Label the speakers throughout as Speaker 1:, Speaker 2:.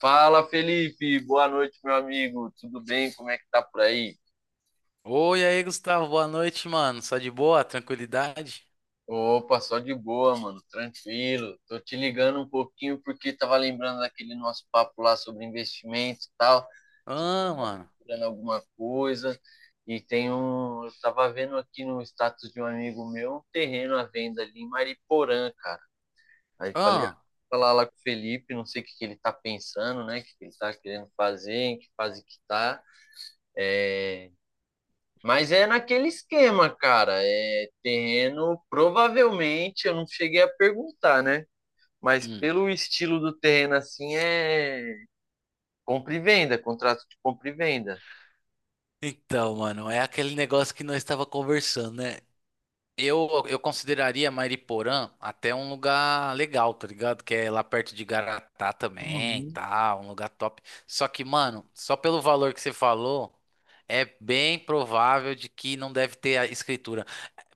Speaker 1: Fala, Felipe. Boa noite, meu amigo. Tudo bem? Como é que tá por aí?
Speaker 2: Oi, aí, Gustavo, boa noite, mano. Só de boa? Tranquilidade?
Speaker 1: Opa, só de boa, mano. Tranquilo. Tô te ligando um pouquinho porque tava lembrando daquele nosso papo lá sobre investimento e tal. Você
Speaker 2: Ah, mano.
Speaker 1: procurando alguma coisa. E tem um. Eu tava vendo aqui no status de um amigo meu um terreno à venda ali em Mariporã, cara. Aí falei, ah,
Speaker 2: Ah.
Speaker 1: vou falar lá com o Felipe, não sei o que que ele tá pensando, né? O que que ele tá querendo fazer, em que fase que tá. Mas é naquele esquema, cara. É terreno, provavelmente, eu não cheguei a perguntar, né? Mas
Speaker 2: Hum.
Speaker 1: pelo estilo do terreno assim é compra e venda, contrato de compra e venda.
Speaker 2: Então, mano, é aquele negócio que nós estava conversando, né? Eu consideraria Mariporã até um lugar legal, tá ligado? Que é lá perto de Garatá também,
Speaker 1: Uhum.
Speaker 2: tá? Um lugar top. Só que, mano, só pelo valor que você falou, é bem provável de que não deve ter a escritura.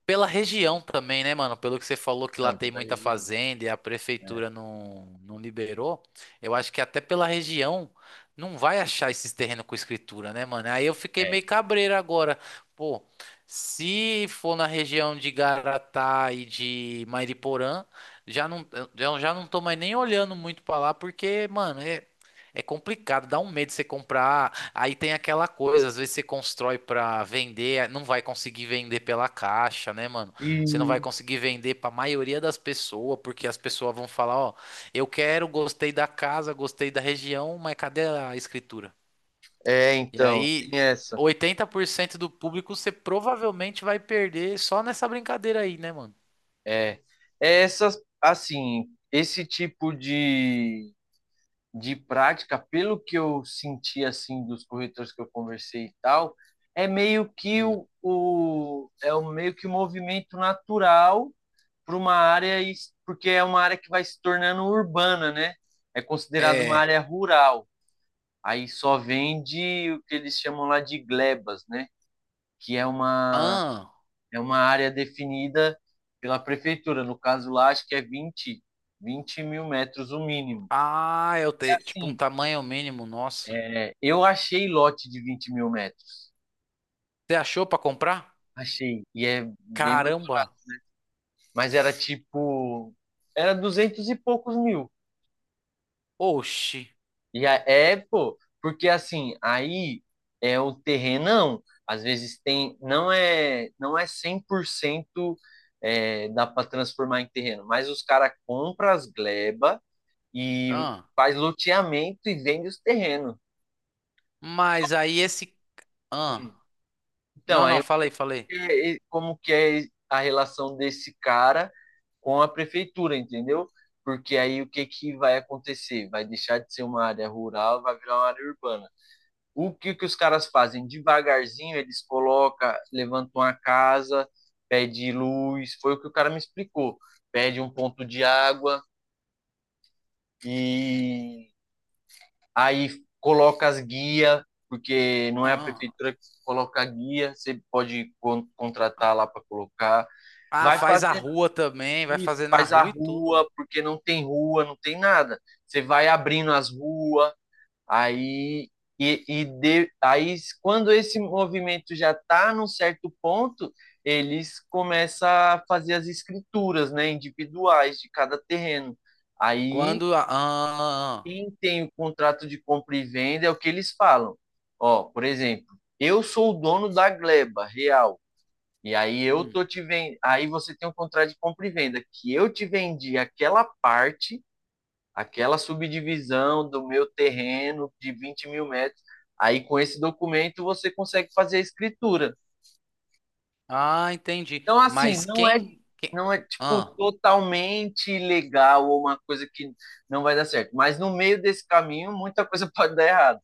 Speaker 2: Pela região também, né, mano? Pelo que você falou que lá
Speaker 1: Não,
Speaker 2: tem
Speaker 1: pela
Speaker 2: muita
Speaker 1: região.
Speaker 2: fazenda e a prefeitura não liberou, eu acho que até pela região não vai achar esses terrenos com escritura, né, mano? Aí eu fiquei
Speaker 1: É,
Speaker 2: meio
Speaker 1: é.
Speaker 2: cabreiro agora. Pô, se for na região de Garatá e de Mairiporã, já não, eu já não tô mais nem olhando muito pra lá, porque, mano, é, é complicado, dá um medo você comprar. Aí tem aquela coisa, às vezes você constrói pra vender, não vai conseguir vender pela caixa, né, mano?
Speaker 1: E
Speaker 2: Você não vai conseguir vender pra maioria das pessoas, porque as pessoas vão falar, ó, eu quero, gostei da casa, gostei da região, mas cadê a escritura?
Speaker 1: É,
Speaker 2: E
Speaker 1: então, tem
Speaker 2: aí,
Speaker 1: essa.
Speaker 2: 80% do público você provavelmente vai perder só nessa brincadeira aí, né, mano?
Speaker 1: É, é essas, assim, esse tipo de prática, pelo que eu senti assim dos corretores que eu conversei e tal, é meio que
Speaker 2: Hum.
Speaker 1: o é um meio que um movimento natural para uma área porque é uma área que vai se tornando urbana, né? É considerado uma
Speaker 2: É.
Speaker 1: área rural. Aí só vende o que eles chamam lá de glebas, né? Que
Speaker 2: Ah,
Speaker 1: é uma área definida pela prefeitura. No caso lá, acho que é vinte mil metros o mínimo.
Speaker 2: ah, eu
Speaker 1: E
Speaker 2: tenho tipo um
Speaker 1: assim,
Speaker 2: tamanho mínimo, nossa.
Speaker 1: é, eu achei lote de 20 mil metros.
Speaker 2: Você achou pra comprar?
Speaker 1: Achei. E é bem.
Speaker 2: Caramba.
Speaker 1: Mas era tipo. Era 200 e poucos mil.
Speaker 2: Oxi.
Speaker 1: É, pô. Porque assim, aí é o terrenão. Às vezes tem. Não é 100% é, dá para transformar em terreno. Mas os caras compram as gleba e faz loteamento e vende os terrenos.
Speaker 2: Mas aí esse. Ah,
Speaker 1: Então,
Speaker 2: não,
Speaker 1: aí
Speaker 2: não,
Speaker 1: eu-
Speaker 2: falei, falei.
Speaker 1: é, é, como que é a relação desse cara com a prefeitura, entendeu? Porque aí o que que vai acontecer? Vai deixar de ser uma área rural, vai virar uma área urbana. O que que os caras fazem? Devagarzinho eles colocam, levantam a casa, pede luz, foi o que o cara me explicou. Pede um ponto de água e aí coloca as guias, porque não é a
Speaker 2: Ah,
Speaker 1: prefeitura que coloca a guia, você pode contratar lá para colocar.
Speaker 2: ah,
Speaker 1: Vai
Speaker 2: faz a
Speaker 1: fazer
Speaker 2: rua também, vai
Speaker 1: isso,
Speaker 2: fazer na
Speaker 1: faz a
Speaker 2: rua e tudo.
Speaker 1: rua, porque não tem rua, não tem nada. Você vai abrindo as ruas, aí aí quando esse movimento já está num certo ponto, eles começam a fazer as escrituras, né, individuais de cada terreno. Aí
Speaker 2: Quando. A- ah, ah, ah.
Speaker 1: quem tem o contrato de compra e venda é o que eles falam. Ó, por exemplo, eu sou o dono da gleba real. E aí eu
Speaker 2: Hum.
Speaker 1: tô te vendo, aí você tem um contrato de compra e venda que eu te vendi aquela parte, aquela subdivisão do meu terreno de 20 mil metros. Aí com esse documento você consegue fazer a escritura.
Speaker 2: Ah, entendi.
Speaker 1: Então assim,
Speaker 2: Mas
Speaker 1: não é
Speaker 2: quem. Quem...
Speaker 1: não é tipo
Speaker 2: Ah.
Speaker 1: totalmente legal ou uma coisa que não vai dar certo, mas no meio desse caminho muita coisa pode dar errado,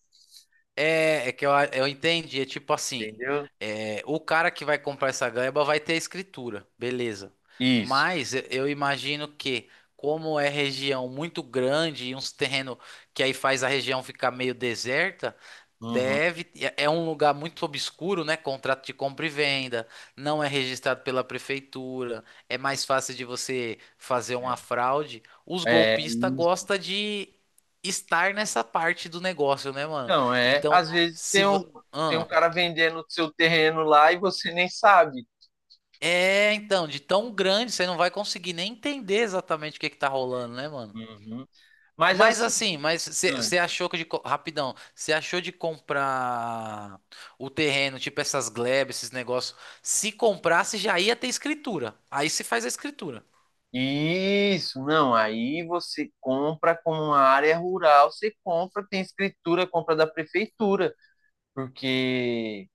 Speaker 2: É, é que eu, a- eu entendi. É tipo assim:
Speaker 1: entendeu?
Speaker 2: é, o cara que vai comprar essa gleba vai ter a escritura, beleza.
Speaker 1: Isso.
Speaker 2: Mas eu imagino que, como é região muito grande e uns terrenos que aí faz a região ficar meio deserta,
Speaker 1: Uhum.
Speaker 2: deve. É é um lugar muito obscuro, né? Contrato de compra e venda, não é registrado pela prefeitura, é mais fácil de você fazer uma
Speaker 1: É,
Speaker 2: fraude. Os
Speaker 1: é,
Speaker 2: golpistas gostam de estar nessa parte do negócio, né, mano?
Speaker 1: não, é.
Speaker 2: Então,
Speaker 1: Às vezes
Speaker 2: se vo...
Speaker 1: tem um
Speaker 2: Ahn.
Speaker 1: cara vendendo o seu terreno lá e você nem sabe.
Speaker 2: É, então, de tão grande você não vai conseguir nem entender exatamente o que que tá rolando, né, mano?
Speaker 1: Uhum. Mas
Speaker 2: Mas
Speaker 1: assim,
Speaker 2: assim, mas você
Speaker 1: Anne,
Speaker 2: achou que de co- rapidão, você achou de comprar o terreno, tipo essas glebas, esses negócios. Se comprasse já ia ter escritura. Aí se faz a escritura.
Speaker 1: isso, não. Aí você compra como uma área rural, você compra, tem escritura, compra da prefeitura, porque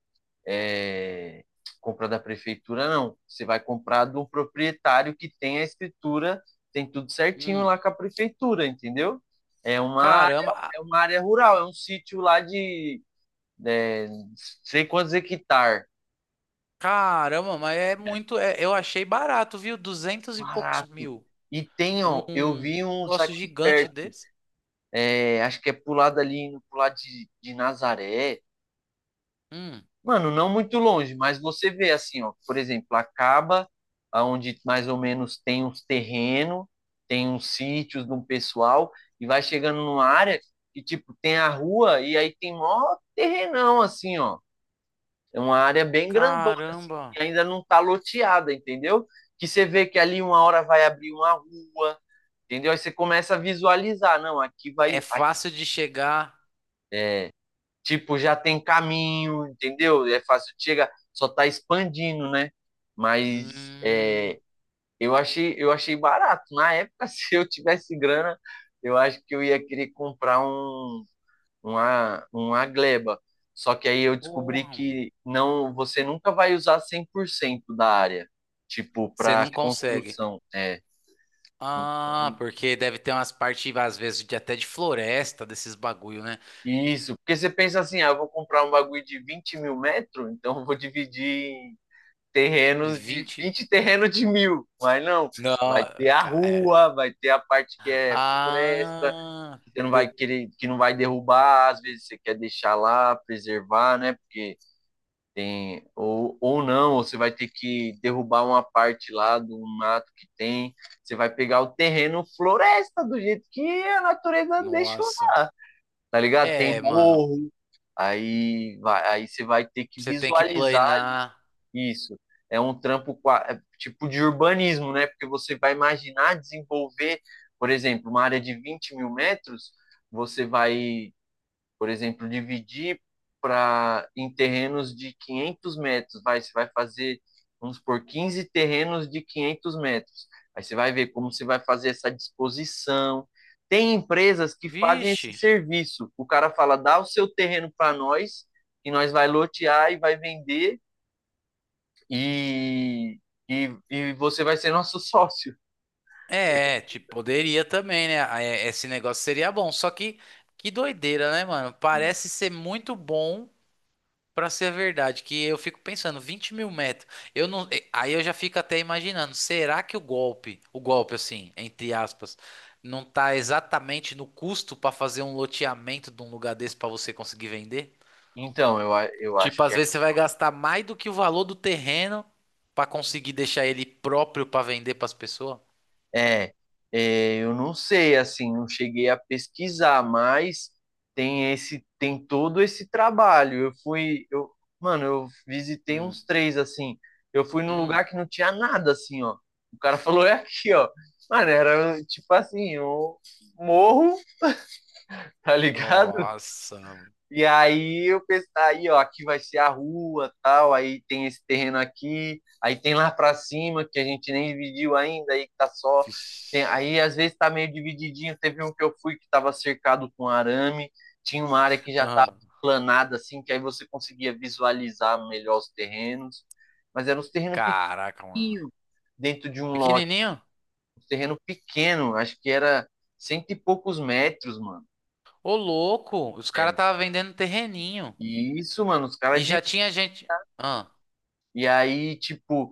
Speaker 1: é, compra da prefeitura não. Você vai comprar do proprietário que tem a escritura, tem tudo certinho
Speaker 2: Hum,
Speaker 1: lá com a prefeitura, entendeu? É uma área,
Speaker 2: caramba, ah,
Speaker 1: é uma área rural, é um sítio lá de é, sei quantos hectares.
Speaker 2: caramba, mas é muito, é- eu achei barato, viu? Duzentos e poucos
Speaker 1: Barato.
Speaker 2: mil.
Speaker 1: E tem, ó, eu
Speaker 2: Um
Speaker 1: vi uns
Speaker 2: negócio
Speaker 1: aqui
Speaker 2: gigante
Speaker 1: perto.
Speaker 2: desse.
Speaker 1: É, acho que é pro lado ali, indo pro lado de Nazaré.
Speaker 2: Hum,
Speaker 1: Mano, não muito longe, mas você vê assim, ó, por exemplo, acaba aonde mais ou menos tem uns terrenos, tem uns sítios de um pessoal, e vai chegando numa área que, tipo, tem a rua e aí tem mó terrenão, assim, ó. É uma área bem grandona, assim,
Speaker 2: caramba.
Speaker 1: que ainda não está loteada, entendeu? Que você vê que ali uma hora vai abrir uma rua, entendeu? Aí você começa a visualizar, não, aqui
Speaker 2: É
Speaker 1: vai, aqui,
Speaker 2: fácil de chegar.
Speaker 1: tipo, já tem caminho, entendeu? É fácil de chegar, só está expandindo, né? Mas é,
Speaker 2: Hum,
Speaker 1: eu achei barato. Na época, se eu tivesse grana, eu acho que eu ia querer comprar uma gleba. Só que aí eu descobri
Speaker 2: porra, mano.
Speaker 1: que não, você nunca vai usar 100% da área, tipo,
Speaker 2: Você
Speaker 1: para
Speaker 2: não consegue.
Speaker 1: construção. É.
Speaker 2: Ah, porque deve ter umas partes, às vezes, de até de floresta, desses bagulho, né?
Speaker 1: Isso, porque você pensa assim, ah, eu vou comprar um bagulho de 20 mil metros, então eu vou dividir em
Speaker 2: Em
Speaker 1: terrenos de
Speaker 2: 20?
Speaker 1: 20 terrenos de mil. Mas não,
Speaker 2: Não,
Speaker 1: vai ter a
Speaker 2: ca- é.
Speaker 1: rua, vai ter a parte que é floresta,
Speaker 2: Ah,
Speaker 1: que você não vai
Speaker 2: de-
Speaker 1: querer, que não vai derrubar, às vezes você quer deixar lá, preservar, né? Porque tem, ou não, ou você vai ter que derrubar uma parte lá do mato que tem. Você vai pegar o terreno floresta do jeito que a natureza deixou,
Speaker 2: nossa.
Speaker 1: tá ligado? Tem
Speaker 2: É, mano.
Speaker 1: morro, aí, vai, aí você vai ter que
Speaker 2: Você tem que
Speaker 1: visualizar
Speaker 2: planear.
Speaker 1: isso. É um trampo é tipo de urbanismo, né? Porque você vai imaginar desenvolver, por exemplo, uma área de 20 mil metros, você vai por exemplo, dividir para em terrenos de 500 metros, vai, você vai fazer, vamos por 15 terrenos de 500 metros. Aí você vai ver como você vai fazer essa disposição. Tem empresas que fazem
Speaker 2: Vixe.
Speaker 1: esse serviço. O cara fala, dá o seu terreno para nós, e nós vai lotear e vai vender, e, e você vai ser nosso sócio.
Speaker 2: É, tipo, poderia também, né? Ah, é- esse negócio seria bom. Só que doideira, né, mano?
Speaker 1: E,
Speaker 2: Parece ser muito bom. Pra ser verdade, que eu fico pensando, 20 mil metros, eu não, aí eu já fico até imaginando, será que o golpe assim, entre aspas, não tá exatamente no custo pra fazer um loteamento de um lugar desse pra você conseguir vender?
Speaker 1: então, eu acho
Speaker 2: Tipo,
Speaker 1: que
Speaker 2: às vezes você vai gastar mais do que o valor do terreno pra conseguir deixar ele próprio pra vender pras pessoas?
Speaker 1: é, é, eu não sei, assim, não cheguei a pesquisar, mas tem esse, tem todo esse trabalho. Mano, eu visitei
Speaker 2: Hum,
Speaker 1: uns três, assim. Eu fui num
Speaker 2: hum,
Speaker 1: lugar que não tinha nada, assim, ó. O cara falou, é aqui, ó. Mano, era tipo assim, um morro, tá ligado?
Speaker 2: nossa,
Speaker 1: E aí eu pensei, aí ó, aqui vai ser a rua, tal, aí tem esse terreno aqui, aí tem lá pra cima que a gente nem dividiu ainda, aí que tá só
Speaker 2: vixi.
Speaker 1: aí às vezes tá meio divididinho, teve um que eu fui que tava cercado com arame, tinha uma área que já tava
Speaker 2: Ah,
Speaker 1: planada assim, que aí você conseguia visualizar melhor os terrenos, mas eram uns terrenos
Speaker 2: caraca, mano.
Speaker 1: pequenos dentro de um lote,
Speaker 2: Pequenininho?
Speaker 1: um terreno pequeno, acho que era cento e poucos metros, mano.
Speaker 2: Ô, louco, os caras tava vendendo terreninho.
Speaker 1: E isso, mano, os caras
Speaker 2: E
Speaker 1: de
Speaker 2: já tinha gente. Ah,
Speaker 1: e aí, tipo,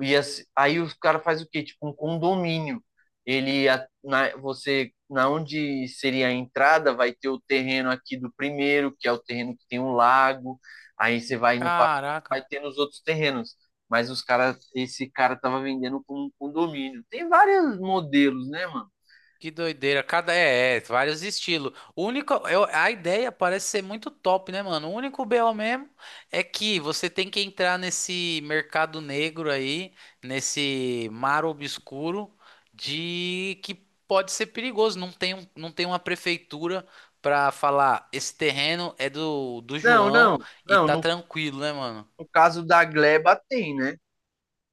Speaker 1: e assim, aí os cara faz o quê? Tipo um condomínio. Você na onde seria a entrada vai ter o terreno aqui do primeiro, que é o terreno que tem um lago. Aí você vai no pa- vai
Speaker 2: caraca,
Speaker 1: ter nos outros terrenos. Mas os cara, esse cara tava vendendo como um condomínio. Tem vários modelos, né, mano?
Speaker 2: que doideira. Cada é, é, vários estilos. O único, eu- a ideia parece ser muito top, né, mano? O único BO mesmo é que você tem que entrar nesse mercado negro aí, nesse mar obscuro de que pode ser perigoso. Não tem, um- não tem uma prefeitura pra falar, esse terreno é do, do
Speaker 1: Não,
Speaker 2: João
Speaker 1: não,
Speaker 2: e
Speaker 1: não.
Speaker 2: tá
Speaker 1: No,
Speaker 2: tranquilo, né, mano?
Speaker 1: no caso da Gleba tem, né?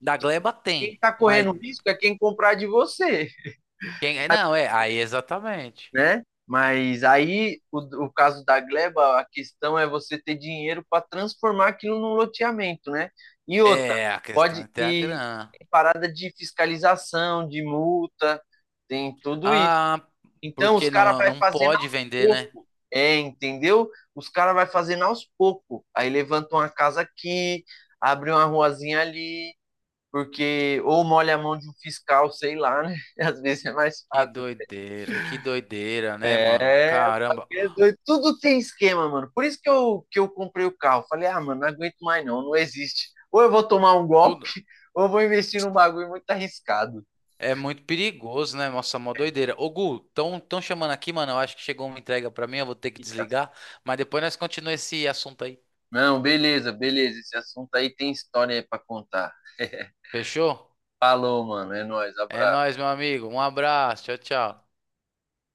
Speaker 2: Da Gleba
Speaker 1: Quem
Speaker 2: tem,
Speaker 1: tá
Speaker 2: mas
Speaker 1: correndo risco é quem comprar de você.
Speaker 2: quem é? Não, é, aí exatamente.
Speaker 1: Né? Mas aí, o caso da gleba, a questão é você ter dinheiro para transformar aquilo num loteamento, né? E outra,
Speaker 2: É, a questão
Speaker 1: pode
Speaker 2: é ter a
Speaker 1: ir
Speaker 2: grana.
Speaker 1: tem parada de fiscalização, de multa, tem tudo isso.
Speaker 2: Ah,
Speaker 1: Então, os
Speaker 2: porque
Speaker 1: caras
Speaker 2: não,
Speaker 1: vai
Speaker 2: não
Speaker 1: fazendo
Speaker 2: pode
Speaker 1: aos
Speaker 2: vender, né?
Speaker 1: poucos, é, entendeu? Os caras vai fazendo aos poucos. Aí levantam uma casa aqui, abre uma ruazinha ali, porque ou molha a mão de um fiscal, sei lá, né? Às vezes é mais fácil.
Speaker 2: Que doideira, né, mano?
Speaker 1: É,
Speaker 2: Caramba,
Speaker 1: é doido, tudo tem esquema, mano. Por isso que eu comprei o carro. Falei, ah, mano, não aguento mais não, não existe. Ou eu vou tomar um golpe,
Speaker 2: tudo
Speaker 1: ou eu vou investir num bagulho muito arriscado.
Speaker 2: é muito perigoso, né? Nossa, mó doideira. Ô, Gu, tão chamando aqui, mano. Eu acho que chegou uma entrega pra mim, eu vou ter que
Speaker 1: Eita.
Speaker 2: desligar. Mas depois nós continuamos esse assunto aí.
Speaker 1: Não, beleza, beleza. Esse assunto aí tem história aí pra contar.
Speaker 2: Fechou?
Speaker 1: Falou, mano. É nóis,
Speaker 2: É
Speaker 1: abraço.
Speaker 2: nóis, meu amigo. Um abraço, tchau, tchau.